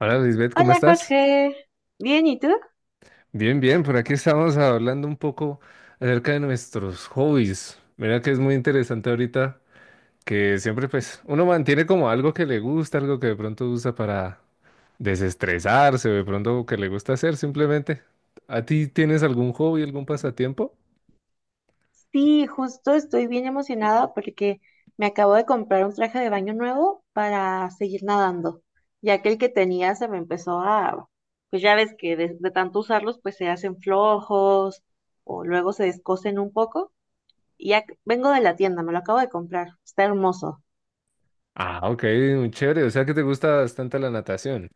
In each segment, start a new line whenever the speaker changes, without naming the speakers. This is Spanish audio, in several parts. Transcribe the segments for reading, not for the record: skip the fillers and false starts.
Hola Lisbeth, ¿cómo
Hola
estás?
Jorge, ¿bien y tú?
Bien, bien, por aquí estamos hablando un poco acerca de nuestros hobbies. Mira que es muy interesante ahorita que siempre, pues, uno mantiene como algo que le gusta, algo que de pronto usa para desestresarse o de pronto que le gusta hacer simplemente. ¿A ti tienes algún hobby, algún pasatiempo?
Sí, justo estoy bien emocionada porque me acabo de comprar un traje de baño nuevo para seguir nadando, ya que el que tenía se me empezó a, pues ya ves que de tanto usarlos pues se hacen flojos o luego se descosen un poco y ya vengo de la tienda, me lo acabo de comprar, está hermoso.
Ah, ok, muy chévere, o sea que te gusta bastante la natación.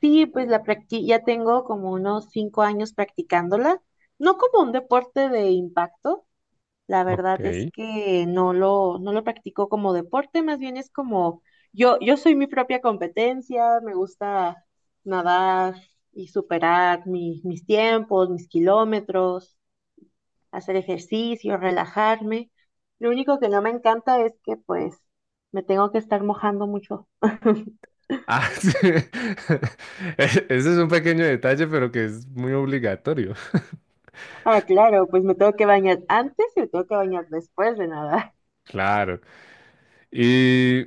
Sí, pues ya tengo como unos 5 años practicándola, no como un deporte de impacto. La
Ok.
verdad es que no lo practico como deporte, más bien es como yo soy mi propia competencia, me gusta nadar y superar mis tiempos, mis kilómetros, hacer ejercicio, relajarme. Lo único que no me encanta es que pues me tengo que estar mojando mucho.
Ah, sí. Ese es un pequeño detalle, pero que es muy obligatorio.
Ah, claro, pues me tengo que bañar antes y me tengo que bañar después de nadar.
Claro. Y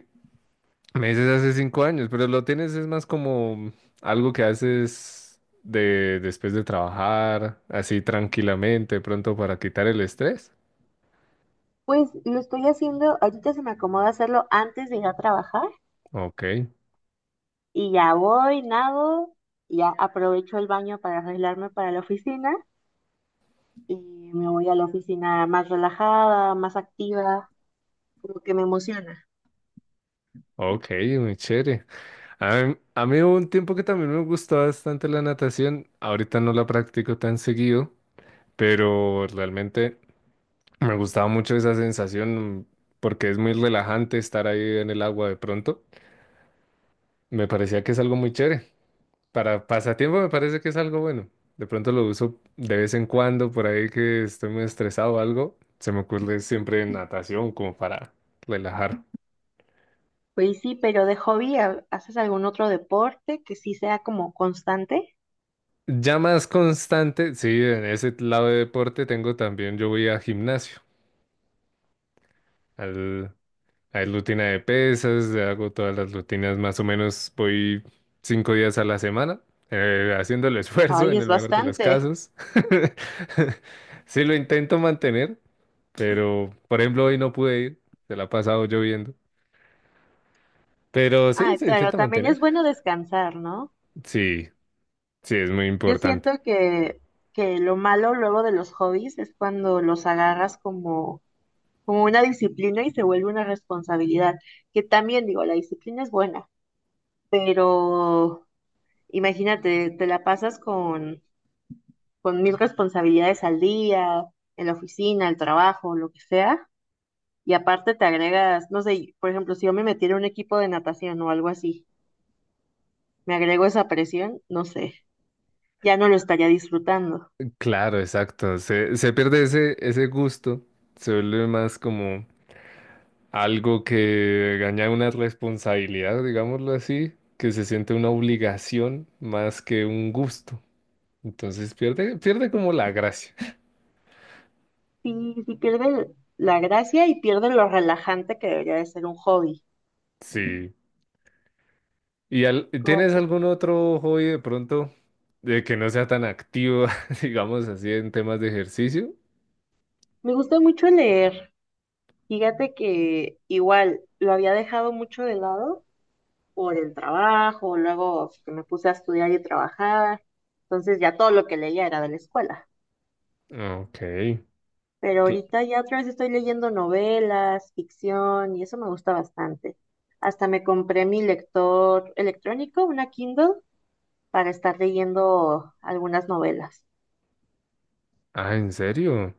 me dices hace 5 años, pero lo tienes es más como algo que haces de después de trabajar, así tranquilamente, pronto para quitar el estrés.
Pues lo estoy haciendo, ahorita se me acomoda hacerlo antes de ir a trabajar.
Ok,
Y ya voy, nado, y ya aprovecho el baño para arreglarme para la oficina y me voy a la oficina más relajada, más activa, como que me emociona.
ok, muy chévere. A mí, a mí, hubo un tiempo que también me gustó bastante la natación. Ahorita no la practico tan seguido, pero realmente me gustaba mucho esa sensación porque es muy relajante estar ahí en el agua de pronto. Me parecía que es algo muy chévere. Para pasatiempo me parece que es algo bueno. De pronto lo uso de vez en cuando, por ahí que estoy muy estresado o algo. Se me ocurre siempre natación como para relajar.
Pues sí, pero de hobby, ¿haces algún otro deporte que sí sea como constante?
Ya más constante, sí, en ese lado de deporte tengo también, yo voy a gimnasio. Al, hay rutina de pesas, hago todas las rutinas, más o menos voy 5 días a la semana, haciendo el esfuerzo
Ay,
en
es
el mejor de los
bastante.
casos. Sí, lo intento mantener, pero por ejemplo hoy no pude ir, se la ha pasado lloviendo. Pero sí,
Ah,
se
claro,
intenta
también es
mantener.
bueno descansar, ¿no?
Sí, sí, es muy
Yo siento
importante.
que lo malo luego de los hobbies es cuando los agarras como, como una disciplina y se vuelve una responsabilidad, que también digo, la disciplina es buena. Pero imagínate, te la pasas con mil responsabilidades al día, en la oficina, el trabajo, lo que sea, y aparte te agregas, no sé, por ejemplo, si yo me metiera en un equipo de natación o algo así, me agrego esa presión, no sé, ya no lo estaría disfrutando.
Claro, exacto. Se pierde ese, ese gusto, se vuelve más como algo que gana una responsabilidad, digámoslo así, que se siente una obligación más que un gusto. Entonces pierde, pierde como la gracia.
Sí, sí pierde la gracia y pierde lo relajante que debería de ser un hobby.
Sí. ¿Y
Como,
tienes
po-
algún otro hobby de pronto de que no sea tan activo, digamos así, en temas de ejercicio?
Me gusta mucho leer. Fíjate que igual lo había dejado mucho de lado por el trabajo, luego pues, que me puse a estudiar y trabajar, entonces ya todo lo que leía era de la escuela.
Ok.
Pero
Cl-
ahorita ya otra vez estoy leyendo novelas, ficción y eso me gusta bastante. Hasta me compré mi lector electrónico, una Kindle, para estar leyendo algunas novelas.
Ah, ¿en serio?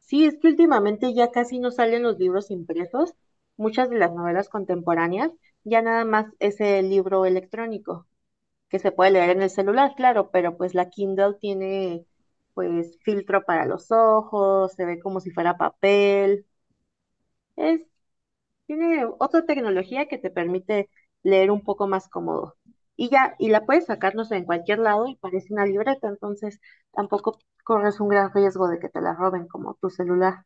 Sí, es que últimamente ya casi no salen los libros impresos. Muchas de las novelas contemporáneas ya nada más es el libro electrónico, que se puede leer en el celular, claro, pero pues la Kindle tiene pues filtro para los ojos, se ve como si fuera papel, es, tiene otra tecnología que te permite leer un poco más cómodo. Y ya, y la puedes sacarnos en cualquier lado y parece una libreta, entonces tampoco corres un gran riesgo de que te la roben como tu celular.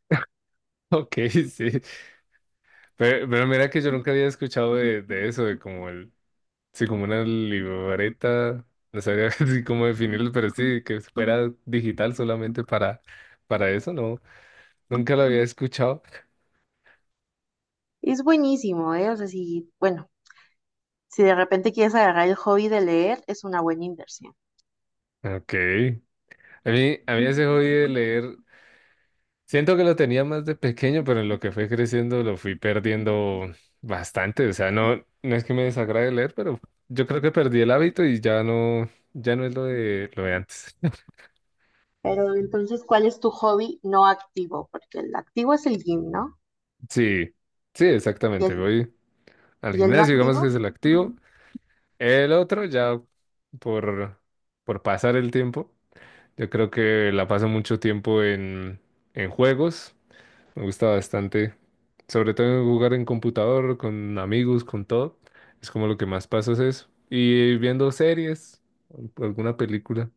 Ok, sí. Pero mira que yo nunca había escuchado de eso, de como el, sí, como una libreta, no sabría así cómo definirlo, pero sí, que fuera digital solamente para eso, no, nunca lo había escuchado.
Es buenísimo, ¿eh? O sea, si, bueno, si de repente quieres agarrar el hobby de leer, es una buena inversión.
Ok. A mí, a mí, ese hobby de leer, siento que lo tenía más de pequeño, pero en lo que fue creciendo lo fui perdiendo bastante. O sea, no, no es que me desagrade leer, pero yo creo que perdí el hábito y ya no, ya no es lo de antes.
Pero entonces, ¿cuál es tu hobby no activo? Porque el activo es el gym, ¿no?
Sí, sí,
¿Y
exactamente.
el,
Voy al
y el no
gimnasio, digamos que
activo?
se lo activo. El otro ya por, por pasar el tiempo. Yo creo que la paso mucho tiempo en juegos. Me gusta bastante. Sobre todo jugar en computador, con amigos, con todo. Es como lo que más paso es eso. Y viendo series, alguna película.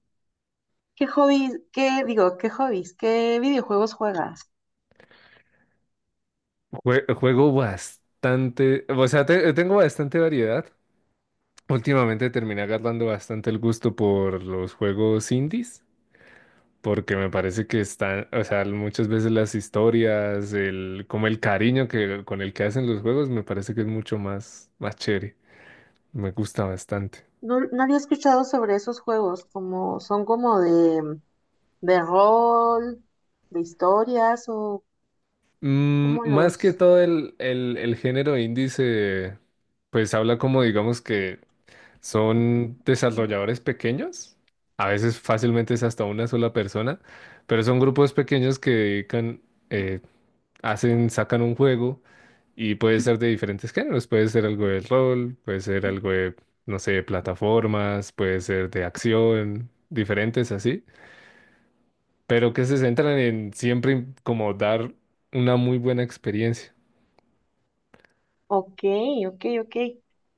¿Qué hobbies, qué digo, qué hobbies, qué videojuegos juegas?
Juego bastante, o sea, tengo bastante variedad. Últimamente terminé agarrando bastante el gusto por los juegos indies, porque me parece que están, o sea, muchas veces las historias, el, como el cariño que, con el que hacen los juegos, me parece que es mucho más, más chévere. Me gusta bastante.
No, no había escuchado sobre esos juegos, como son como de rol, de historias o
Mm,
como
más que
los...
todo el género indie se, pues, habla como, digamos, que son desarrolladores pequeños. A veces fácilmente es hasta una sola persona, pero son grupos pequeños que dedican, eh, hacen, sacan un juego. Y puede ser de diferentes géneros, puede ser algo de rol, puede ser algo de, no sé, plataformas, puede ser de acción, diferentes así, pero que se centran en siempre en como dar una muy buena experiencia.
Ok, ok, ok.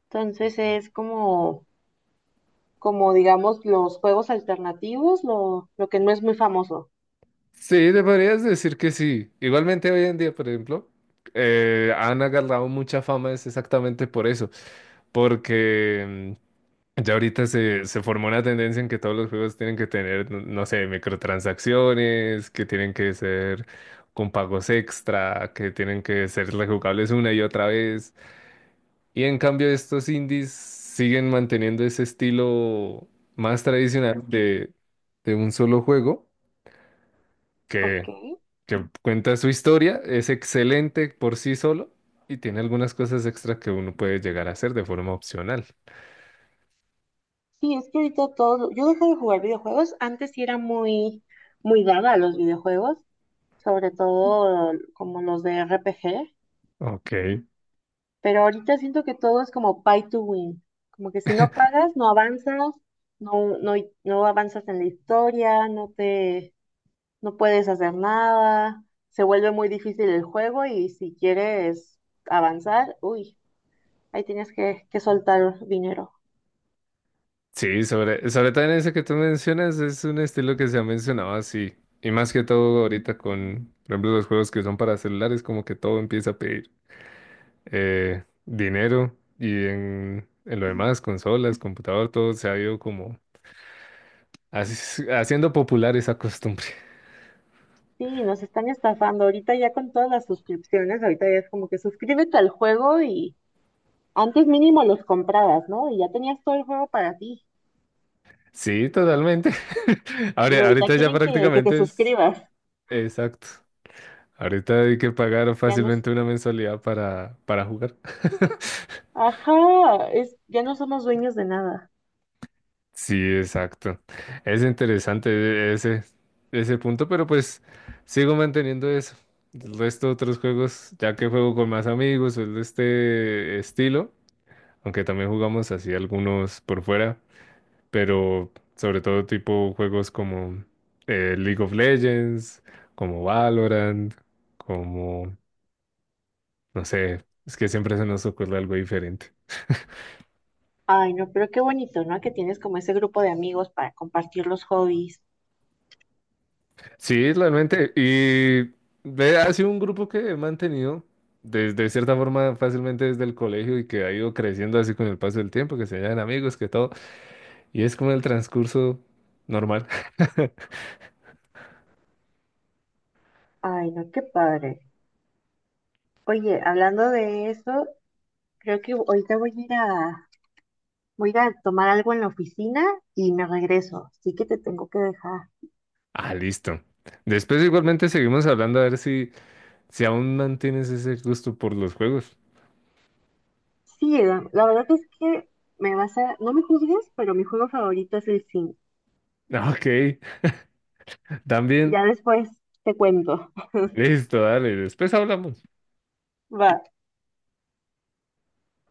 Entonces es como, como digamos, los juegos alternativos, lo que no es muy famoso.
Sí, te podrías decir que sí. Igualmente hoy en día, por ejemplo, han agarrado mucha fama es exactamente por eso, porque ya ahorita se formó una tendencia en que todos los juegos tienen que tener, no, sé, microtransacciones, que tienen que ser con pagos extra, que tienen que ser rejugables una y otra vez. Y en cambio estos indies siguen manteniendo ese estilo más tradicional de un solo juego
Ok.
que, que cuenta su historia, es excelente por sí solo y tiene algunas cosas extra que uno puede llegar a hacer de forma opcional.
Sí, es que ahorita todo, yo dejé de jugar videojuegos, antes sí era muy dada a los videojuegos, sobre todo como los de RPG,
Ok.
pero ahorita siento que todo es como pay to win, como que si no pagas, no avanzas, no, no, no avanzas en la historia, no te, no puedes hacer nada, se vuelve muy difícil el juego y si quieres avanzar, uy, ahí tienes que soltar dinero.
Sí, sobre, sobre todo en ese que tú mencionas, es un estilo que se ha mencionado así. Y más que todo ahorita con, por ejemplo, los juegos que son para celulares, como que todo empieza a pedir dinero y en lo demás, consolas, computador, todo se ha ido como haciendo popular esa costumbre.
Sí, nos están estafando. Ahorita ya con todas las suscripciones, ahorita ya es como que suscríbete al juego y antes mínimo los comprabas, ¿no? Y ya tenías todo el juego para ti.
Sí, totalmente.
Y
Ahora,
ahorita
ahorita ya
quieren que te
prácticamente es
suscribas.
exacto. Ahorita hay que pagar
Ya nos,
fácilmente una mensualidad para jugar.
ajá, es, ya no somos dueños de nada.
Sí, exacto. Es interesante ese, ese punto, pero pues sigo manteniendo eso. El resto de otros juegos, ya que juego con más amigos, es de este estilo, aunque también jugamos así algunos por fuera, pero sobre todo tipo juegos como League of Legends, como Valorant, como, no sé, es que siempre se nos ocurre algo diferente.
Ay, no, pero qué bonito, ¿no? Que tienes como ese grupo de amigos para compartir los hobbies.
Sí, realmente. Y ve, ha sido un grupo que he mantenido desde cierta forma fácilmente desde el colegio y que ha ido creciendo así con el paso del tiempo, que se hallan amigos, que todo. Y es como el transcurso normal.
Ay, no, qué padre. Oye, hablando de eso, creo que ahorita voy a ir a tomar algo en la oficina y me regreso. Así que te tengo que dejar.
Ah, listo. Después igualmente seguimos hablando a ver si, si aún mantienes ese gusto por los juegos.
Sí, la verdad es que me vas a, no me juzgues, pero mi juego favorito es el sim.
Ok, también.
Ya después te cuento.
Listo, dale. Después hablamos.
Va.